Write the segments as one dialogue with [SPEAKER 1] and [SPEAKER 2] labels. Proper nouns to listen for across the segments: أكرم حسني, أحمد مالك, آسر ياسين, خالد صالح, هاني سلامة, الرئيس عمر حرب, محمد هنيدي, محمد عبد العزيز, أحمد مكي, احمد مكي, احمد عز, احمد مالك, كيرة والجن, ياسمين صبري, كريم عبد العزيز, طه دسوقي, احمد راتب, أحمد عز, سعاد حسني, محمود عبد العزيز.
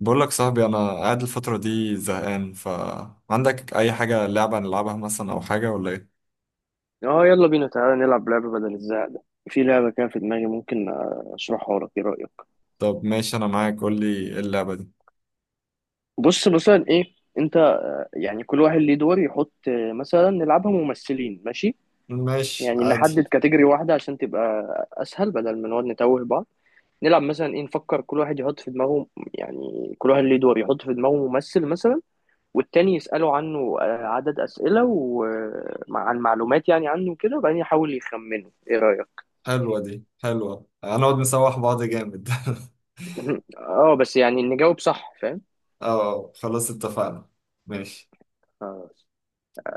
[SPEAKER 1] بقول لك صاحبي انا قاعد الفتره دي زهقان، فعندك اي حاجه لعبه نلعبها مثلا او حاجه ولا ايه؟
[SPEAKER 2] اه، يلا بينا تعالى نلعب لعبة بدل الزهق ده. في لعبة كده في دماغي، ممكن اشرحها لك، ايه رأيك؟
[SPEAKER 1] طب ماشي انا معاك، قول لي ايه اللعبه دي.
[SPEAKER 2] بص مثلا ايه انت. يعني كل واحد ليه دور يحط، مثلا نلعبها ممثلين، ماشي؟
[SPEAKER 1] ماشي
[SPEAKER 2] يعني
[SPEAKER 1] عادي.
[SPEAKER 2] نحدد كاتيجوري واحدة عشان تبقى اسهل بدل ما نقعد نتوه بعض. نلعب مثلا ايه، نفكر كل واحد يحط في دماغه. يعني كل واحد ليه دور يحط في دماغه ممثل مثلا، والتاني يسأله عنه عدد أسئلة وعن معلومات يعني عنه كده، وبعدين يحاول يخمنه. ايه رأيك؟
[SPEAKER 1] حلوه دي حلوه، هنقعد نسوح بعض جامد
[SPEAKER 2] اه، بس يعني نجاوب صح، فاهم؟
[SPEAKER 1] اه خلاص اتفقنا، ماشي.
[SPEAKER 2] خلاص.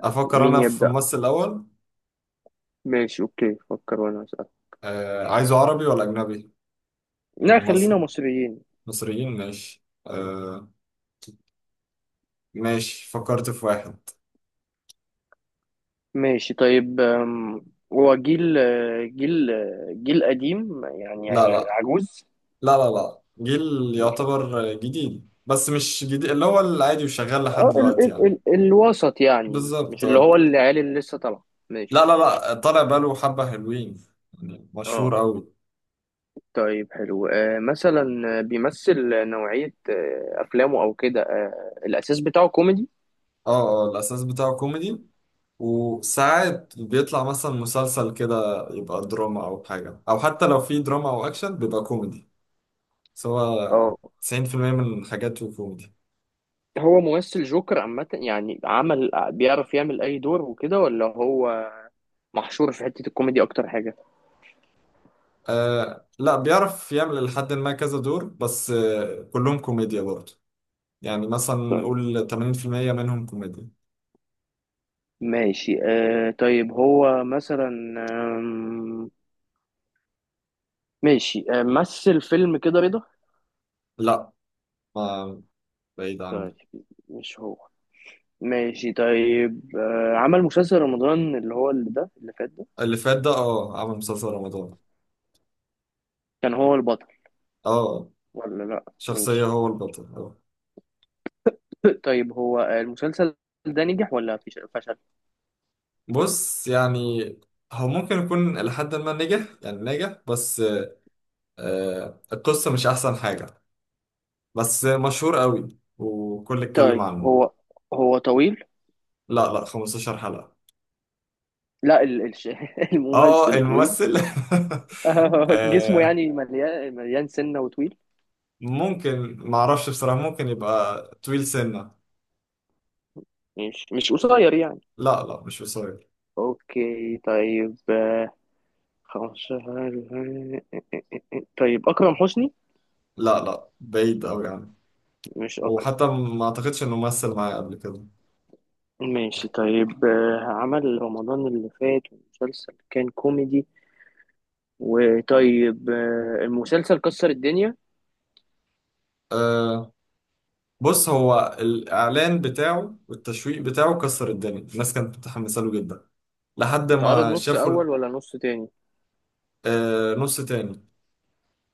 [SPEAKER 1] افكر
[SPEAKER 2] مين
[SPEAKER 1] انا في
[SPEAKER 2] يبدأ؟
[SPEAKER 1] ممثل الاول.
[SPEAKER 2] ماشي، اوكي، فكر وانا اسأل.
[SPEAKER 1] آه عايزه عربي ولا اجنبي
[SPEAKER 2] لا خلينا
[SPEAKER 1] ممثل؟
[SPEAKER 2] مصريين.
[SPEAKER 1] مصريين ماشي آه. ماشي فكرت في واحد.
[SPEAKER 2] ماشي طيب، هو جيل جيل قديم يعني؟
[SPEAKER 1] لا لا.
[SPEAKER 2] عجوز؟
[SPEAKER 1] لا لا لا. جيل
[SPEAKER 2] مش عجوز.
[SPEAKER 1] يعتبر جديد بس مش جديد، اللي هو العادي وشغال لحد
[SPEAKER 2] اه، ال
[SPEAKER 1] دلوقتي
[SPEAKER 2] ال
[SPEAKER 1] يعني.
[SPEAKER 2] ال الوسط يعني، مش
[SPEAKER 1] بالظبط
[SPEAKER 2] اللي
[SPEAKER 1] آه.
[SPEAKER 2] هو العيال اللي لسه طالعه،
[SPEAKER 1] لا
[SPEAKER 2] ماشي.
[SPEAKER 1] لا لا، طالع بقاله حبة، حلوين يعني، مشهور
[SPEAKER 2] اه
[SPEAKER 1] أوي.
[SPEAKER 2] طيب حلو، مثلا بيمثل نوعية أفلامه، أو كده الأساس بتاعه كوميدي؟
[SPEAKER 1] اه. اه الأساس بتاعه كوميدي، وساعات بيطلع مثلا مسلسل كده يبقى دراما أو حاجة، أو حتى لو في دراما أو أكشن بيبقى كوميدي سواء.
[SPEAKER 2] اه
[SPEAKER 1] 90% من حاجاته كوميدي.
[SPEAKER 2] هو ممثل جوكر عامة يعني، عمل بيعرف يعمل أي دور وكده، ولا هو محشور في حتة الكوميدي أكتر حاجة؟
[SPEAKER 1] آه لا، بيعرف يعمل لحد ما كذا دور، بس آه كلهم كوميديا برضه. يعني مثلا
[SPEAKER 2] طيب
[SPEAKER 1] نقول 80% منهم كوميديا.
[SPEAKER 2] ماشي، طيب هو مثلا آم، ماشي، مثل فيلم كده رضا؟
[SPEAKER 1] لا. ما بعيد
[SPEAKER 2] طيب،
[SPEAKER 1] عنه.
[SPEAKER 2] مش هو. ماشي طيب، عمل مسلسل رمضان اللي هو اللي ده اللي فات ده،
[SPEAKER 1] اللي فات ده اه، عمل مسلسل رمضان.
[SPEAKER 2] كان هو البطل
[SPEAKER 1] اه.
[SPEAKER 2] ولا لأ؟
[SPEAKER 1] شخصية
[SPEAKER 2] ماشي.
[SPEAKER 1] هو البطل اه.
[SPEAKER 2] طيب هو المسلسل ده نجح ولا فشل؟
[SPEAKER 1] بص يعني هو ممكن يكون لحد ما نجح، يعني نجح بس آه القصة مش أحسن حاجة، بس مشهور قوي وكل اتكلم
[SPEAKER 2] طيب
[SPEAKER 1] عنه.
[SPEAKER 2] هو طويل؟
[SPEAKER 1] لا لا، 15 حلقة.
[SPEAKER 2] لا،
[SPEAKER 1] اه
[SPEAKER 2] الممثل طويل؟
[SPEAKER 1] الممثل
[SPEAKER 2] جسمه
[SPEAKER 1] آه.
[SPEAKER 2] يعني مليان، مليان سنة وطويل؟
[SPEAKER 1] ممكن معرفش بصراحة، ممكن يبقى طويل سنة.
[SPEAKER 2] مش قصير يعني؟
[SPEAKER 1] لا لا مش قصير.
[SPEAKER 2] اوكي طيب، 15. طيب، اكرم حسني؟
[SPEAKER 1] لا لا بعيد أوي يعني،
[SPEAKER 2] مش اكرم.
[SPEAKER 1] وحتى ما أعتقدش إنه مثل معايا قبل كده.
[SPEAKER 2] ماشي طيب، عمل رمضان اللي فات ومسلسل كان كوميدي. وطيب، المسلسل كسر الدنيا؟
[SPEAKER 1] أه، بص هو الإعلان بتاعه والتشويق بتاعه كسر الدنيا، الناس كانت متحمسة له جدا لحد
[SPEAKER 2] اتعرض
[SPEAKER 1] ما
[SPEAKER 2] نص
[SPEAKER 1] شافوا
[SPEAKER 2] اول
[SPEAKER 1] ال-.
[SPEAKER 2] ولا نص تاني؟
[SPEAKER 1] آه نص تاني.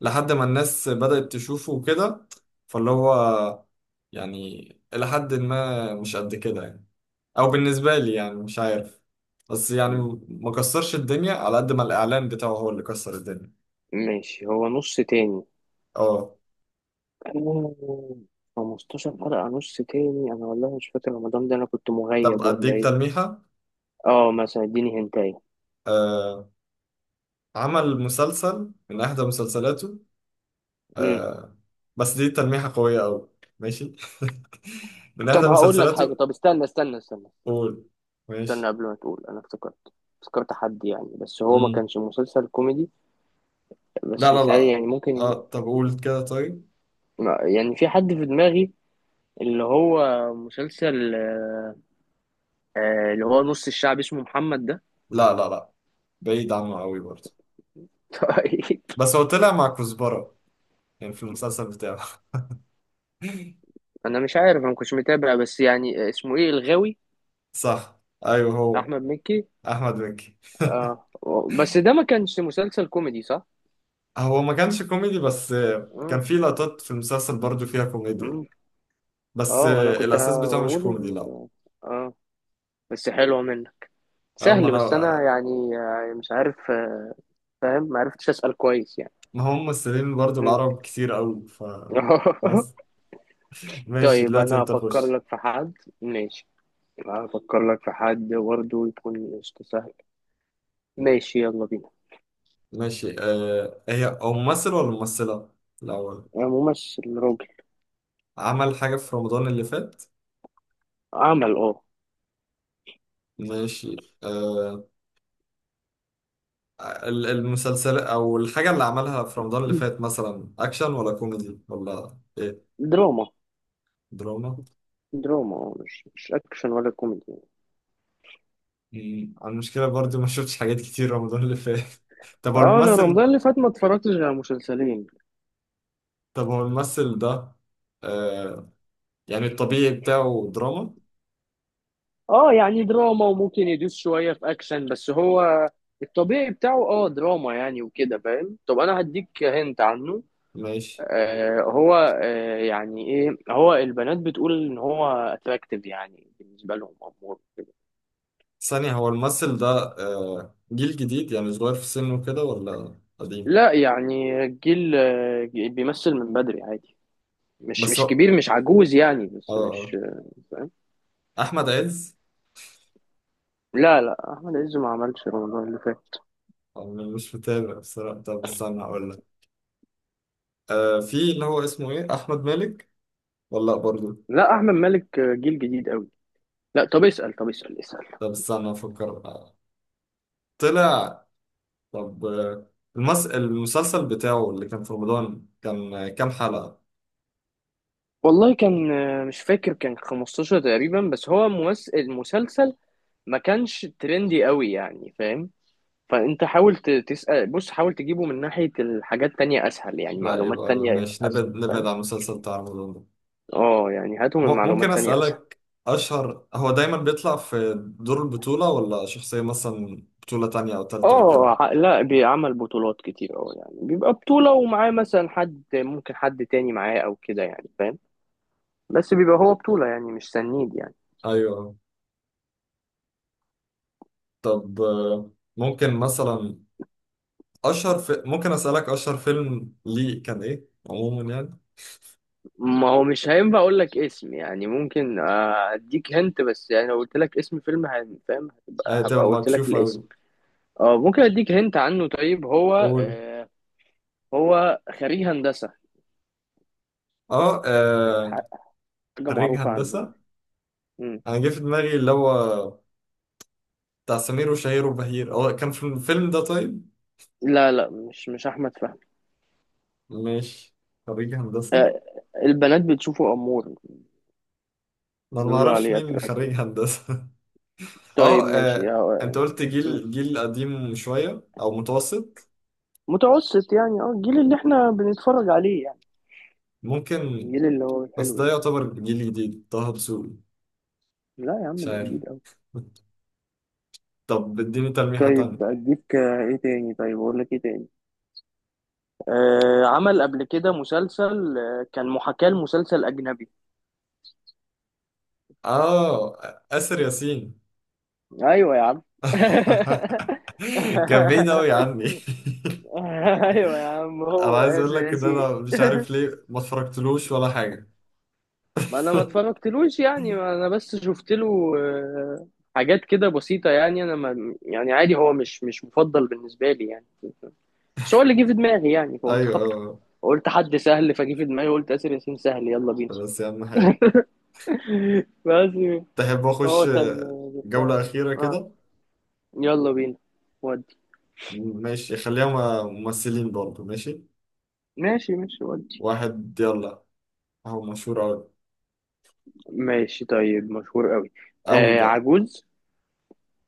[SPEAKER 1] لحد ما الناس بدأت تشوفه وكده، فاللي هو يعني إلى حد ما مش قد كده يعني، أو بالنسبة لي يعني مش عارف، بس يعني ما كسرش الدنيا على قد ما الإعلان بتاعه هو اللي كسر الدنيا.
[SPEAKER 2] ماشي، هو نص تاني.
[SPEAKER 1] اه.
[SPEAKER 2] أوه، 15 حلقة نص تاني، أنا والله مش فاكر رمضان ده، أنا كنت
[SPEAKER 1] طب
[SPEAKER 2] مغيب ولا
[SPEAKER 1] أديك
[SPEAKER 2] إيه؟
[SPEAKER 1] تلميحة.
[SPEAKER 2] أه مثلا إديني هنتاية.
[SPEAKER 1] آه عمل مسلسل من احدى مسلسلاته
[SPEAKER 2] أمم.
[SPEAKER 1] آه. بس دي تلميحة قوية قوي. ماشي من احدى
[SPEAKER 2] طب هقول لك حاجة،
[SPEAKER 1] مسلسلاته.
[SPEAKER 2] طب استنى استنى استنى.
[SPEAKER 1] قول.
[SPEAKER 2] استنى
[SPEAKER 1] ماشي.
[SPEAKER 2] قبل ما تقول، انا افتكرت افتكرت حد يعني، بس هو ما
[SPEAKER 1] مم.
[SPEAKER 2] كانش مسلسل كوميدي.
[SPEAKER 1] لا
[SPEAKER 2] بس
[SPEAKER 1] لا
[SPEAKER 2] مثالي،
[SPEAKER 1] لا
[SPEAKER 2] يعني ممكن
[SPEAKER 1] اه طب قول كده طيب.
[SPEAKER 2] يعني في حد في دماغي اللي هو مسلسل، اللي هو نص الشعب اسمه محمد ده.
[SPEAKER 1] لا لا لا، بعيد عنه قوي برضه.
[SPEAKER 2] طيب
[SPEAKER 1] بس هو طلع مع كزبرة يعني في المسلسل بتاعه
[SPEAKER 2] انا مش عارف، انا ما كنتش متابع، بس يعني اسمه ايه، الغاوي.
[SPEAKER 1] صح، ايوه هو.
[SPEAKER 2] احمد مكي.
[SPEAKER 1] احمد مكي.
[SPEAKER 2] اه بس ده ما كانش مسلسل كوميدي، صح؟
[SPEAKER 1] هو ما كانش كوميدي بس كان
[SPEAKER 2] مم.
[SPEAKER 1] في لقطات في المسلسل برضه فيها كوميديا.
[SPEAKER 2] مم.
[SPEAKER 1] بس
[SPEAKER 2] اه انا كنت
[SPEAKER 1] الاساس بتاعه مش
[SPEAKER 2] هقوله
[SPEAKER 1] كوميدي
[SPEAKER 2] بس.
[SPEAKER 1] لا.
[SPEAKER 2] اه بس حلو منه،
[SPEAKER 1] اه ما
[SPEAKER 2] سهل، بس انا
[SPEAKER 1] انا.
[SPEAKER 2] يعني مش عارف، فاهم، ما عرفتش اسال كويس يعني.
[SPEAKER 1] ما هم ممثلين برضو
[SPEAKER 2] مم.
[SPEAKER 1] العرب كتير قوي ف. بس. ماشي
[SPEAKER 2] طيب
[SPEAKER 1] دلوقتي
[SPEAKER 2] انا
[SPEAKER 1] انت
[SPEAKER 2] هفكر
[SPEAKER 1] خش.
[SPEAKER 2] لك في حد. ماشي، هفكر لك في حد برضه يكون قشطة سهل. ماشي يلا بينا.
[SPEAKER 1] ماشي آه، هي هو ممثل ولا ممثلة الأول؟
[SPEAKER 2] ممثل راجل.
[SPEAKER 1] عمل حاجة في رمضان اللي فات؟
[SPEAKER 2] عمل اه.
[SPEAKER 1] ماشي آه، ال- المسلسل أو الحاجة اللي عملها في رمضان اللي فات مثلا أكشن ولا كوميدي ولا إيه؟
[SPEAKER 2] دراما،
[SPEAKER 1] دراما.
[SPEAKER 2] دراما اه، مش اكشن ولا كوميدي.
[SPEAKER 1] مم، أنا المشكلة برضو ما شفتش حاجات كتير رمضان اللي فات طب هو
[SPEAKER 2] اه انا
[SPEAKER 1] الممثل.
[SPEAKER 2] رمضان اللي فات ما اتفرجتش غير على مسلسلين.
[SPEAKER 1] طب هو الممثل ده آه، يعني الطبيعي بتاعه دراما؟
[SPEAKER 2] اه يعني دراما، وممكن يدوس شوية في اكشن، بس هو الطبيعي بتاعه اه دراما يعني وكده، فاهم؟ طب انا هديك هنت عنه.
[SPEAKER 1] ماشي.
[SPEAKER 2] هو يعني ايه، هو البنات بتقول ان هو اتراكتيف يعني بالنسبه لهم، امور كده.
[SPEAKER 1] ثانية، هو الممثل ده جيل جديد يعني صغير في سنه كده ولا قديم؟
[SPEAKER 2] لا، يعني الجيل بيمثل من بدري عادي، مش
[SPEAKER 1] بس هو
[SPEAKER 2] مش
[SPEAKER 1] اه
[SPEAKER 2] كبير، مش عجوز يعني، بس
[SPEAKER 1] آه.
[SPEAKER 2] مش فاهم.
[SPEAKER 1] أحمد عز؟
[SPEAKER 2] لا لا، احمد عز ما عملش رمضان اللي فات.
[SPEAKER 1] أنا مش متابع بصراحة، طب استنى هقول لك. في اللي هو اسمه إيه، أحمد مالك ولا لأ برضه؟
[SPEAKER 2] لا، احمد مالك جيل جديد قوي. لا، طب اسال، طب اسال اسال.
[SPEAKER 1] طب استنى أفكر طلع. طب المس... المسلسل بتاعه اللي كان في رمضان كان كام حلقة؟
[SPEAKER 2] والله كان مش فاكر، كان 15 تقريبا، بس هو ممثل المسلسل ما كانش ترندي قوي يعني، فاهم. فانت حاول تسأل، بص حاول تجيبه من ناحية الحاجات تانية اسهل، يعني
[SPEAKER 1] لا
[SPEAKER 2] معلومات
[SPEAKER 1] يبقى
[SPEAKER 2] تانية
[SPEAKER 1] ماشي، نبعد
[SPEAKER 2] اسهل،
[SPEAKER 1] نبعد
[SPEAKER 2] فاهم.
[SPEAKER 1] عن المسلسل بتاع رمضان ده.
[SPEAKER 2] اه يعني هاته من
[SPEAKER 1] م- ممكن
[SPEAKER 2] معلومات تانية اسهل.
[SPEAKER 1] أسألك، أشهر هو دايما بيطلع في دور البطولة ولا شخصية مثلا بطولة تانية أو تالتة وكده؟
[SPEAKER 2] اه لا بيعمل بطولات كتير، اه يعني بيبقى بطولة ومعاه مثلا حد، ممكن حد تاني معاه او كده يعني، فاهم. بس بيبقى هو بطولة يعني، مش سنيد يعني.
[SPEAKER 1] أيوه. طب ممكن مثلا، أشهر في... ممكن أسألك أشهر فيلم ليه كان إيه عموما يعني؟
[SPEAKER 2] ما هو مش هينفع اقول لك اسم يعني، ممكن اديك هنت، بس يعني لو قلت لك اسم فيلم فاهم،
[SPEAKER 1] أيوة
[SPEAKER 2] هتبقى
[SPEAKER 1] تبقى
[SPEAKER 2] هبقى قلت لك
[SPEAKER 1] مكشوف
[SPEAKER 2] الاسم.
[SPEAKER 1] أوي.
[SPEAKER 2] اه ممكن اديك هنت عنه. طيب هو
[SPEAKER 1] قول.
[SPEAKER 2] آه، هو خريج هندسة،
[SPEAKER 1] أه
[SPEAKER 2] حاجة
[SPEAKER 1] خريج
[SPEAKER 2] معروفة عنه
[SPEAKER 1] هندسة.
[SPEAKER 2] يعني. مم.
[SPEAKER 1] أنا جه في دماغي اللي هو بتاع سمير وشهير وبهير، هو كان في الفيلم ده؟ طيب
[SPEAKER 2] لا لا، مش أحمد فهمي.
[SPEAKER 1] ماشي. خريج هندسة.
[SPEAKER 2] آه، البنات بتشوفه أمور،
[SPEAKER 1] أنا ما
[SPEAKER 2] بيقولوا
[SPEAKER 1] أعرفش
[SPEAKER 2] عليه
[SPEAKER 1] مين خريج
[SPEAKER 2] أتراكتيف.
[SPEAKER 1] هندسة.
[SPEAKER 2] طيب
[SPEAKER 1] اه
[SPEAKER 2] ماشي،
[SPEAKER 1] انت قلت
[SPEAKER 2] مم.
[SPEAKER 1] جيل قديم شوية او متوسط؟
[SPEAKER 2] متوسط يعني، اه الجيل اللي احنا بنتفرج عليه يعني،
[SPEAKER 1] ممكن.
[SPEAKER 2] الجيل اللي هو
[SPEAKER 1] بس
[SPEAKER 2] الحلو
[SPEAKER 1] ده
[SPEAKER 2] يعني.
[SPEAKER 1] يعتبر جيل جديد، طه دسوقي؟
[SPEAKER 2] لا يا عم،
[SPEAKER 1] مش
[SPEAKER 2] ده
[SPEAKER 1] عارف.
[SPEAKER 2] جديد أوي.
[SPEAKER 1] طب اديني تلميحة
[SPEAKER 2] طيب
[SPEAKER 1] تانية.
[SPEAKER 2] أديك إيه تاني، طيب أقول لك إيه تاني. عمل قبل كده مسلسل كان محاكاة لمسلسل أجنبي.
[SPEAKER 1] اه، آسر ياسين؟
[SPEAKER 2] أيوه يا عم.
[SPEAKER 1] كان بعيد أوي عني.
[SPEAKER 2] ايوه يا عم،
[SPEAKER 1] انا
[SPEAKER 2] هو
[SPEAKER 1] عايز اقول لك ان انا
[SPEAKER 2] اساسي.
[SPEAKER 1] مش عارف ليه ما اتفرجتلوش ولا حاجة
[SPEAKER 2] ما انا ما اتفرجتلوش يعني، ما انا بس شفت له حاجات كده بسيطة، يعني انا ما يعني عادي، هو مش مفضل بالنسبة لي يعني. بس هو اللي جه في دماغي يعني، فقمت
[SPEAKER 1] ايوه
[SPEAKER 2] خبطه،
[SPEAKER 1] اه.
[SPEAKER 2] قلت حد سهل، فجه في دماغي قلت آسر ياسين سهل، يلا بينا.
[SPEAKER 1] آه، بس يا عم حلو.
[SPEAKER 2] بس.
[SPEAKER 1] تحب
[SPEAKER 2] هو
[SPEAKER 1] اخش
[SPEAKER 2] كان.
[SPEAKER 1] جولة
[SPEAKER 2] جبتها.
[SPEAKER 1] أخيرة
[SPEAKER 2] اه،
[SPEAKER 1] كده؟
[SPEAKER 2] يلا بينا. ودي،
[SPEAKER 1] ماشي خليها م- ممثلين برضه. ماشي،
[SPEAKER 2] ماشي ماشي، ودي.
[SPEAKER 1] واحد، يلا. هو مشهور أوي،
[SPEAKER 2] ماشي طيب، مشهور قوي.
[SPEAKER 1] أوي بقى.
[SPEAKER 2] عجوز؟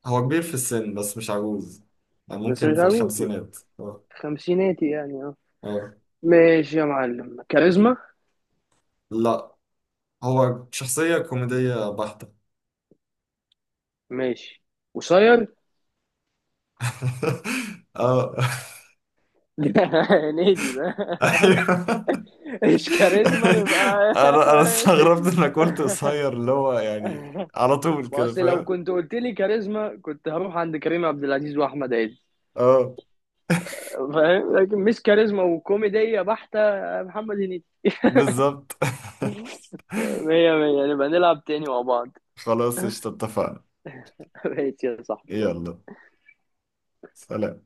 [SPEAKER 1] هو كبير في السن بس مش عجوز، يعني
[SPEAKER 2] بس
[SPEAKER 1] ممكن
[SPEAKER 2] مش
[SPEAKER 1] في
[SPEAKER 2] عجوز،
[SPEAKER 1] الخمسينات اه.
[SPEAKER 2] خمسيناتي يعني، اه.
[SPEAKER 1] اه
[SPEAKER 2] ماشي يا معلم، كاريزما؟
[SPEAKER 1] لا، هو شخصية كوميدية بحتة.
[SPEAKER 2] ماشي، قصير؟
[SPEAKER 1] اه،
[SPEAKER 2] هنيدي ده؟
[SPEAKER 1] ايوه.
[SPEAKER 2] ايش كاريزما يبقى؟
[SPEAKER 1] انا انا استغربت انك قلت قصير، اللي هو يعني على طول
[SPEAKER 2] ما
[SPEAKER 1] كده
[SPEAKER 2] اصل لو
[SPEAKER 1] فاهم.
[SPEAKER 2] كنت قلت لي كاريزما، كنت هروح عند كريم عبد العزيز واحمد عز،
[SPEAKER 1] اه
[SPEAKER 2] فاهم، لكن مش كاريزما وكوميديه بحته، محمد هنيدي.
[SPEAKER 1] بالظبط
[SPEAKER 2] مية مية، نبقى نلعب تاني مع بعض.
[SPEAKER 1] خلاص قشطة اتفقنا.
[SPEAKER 2] ماشي يا صاحبي، يلا.
[SPEAKER 1] يلا. سلام.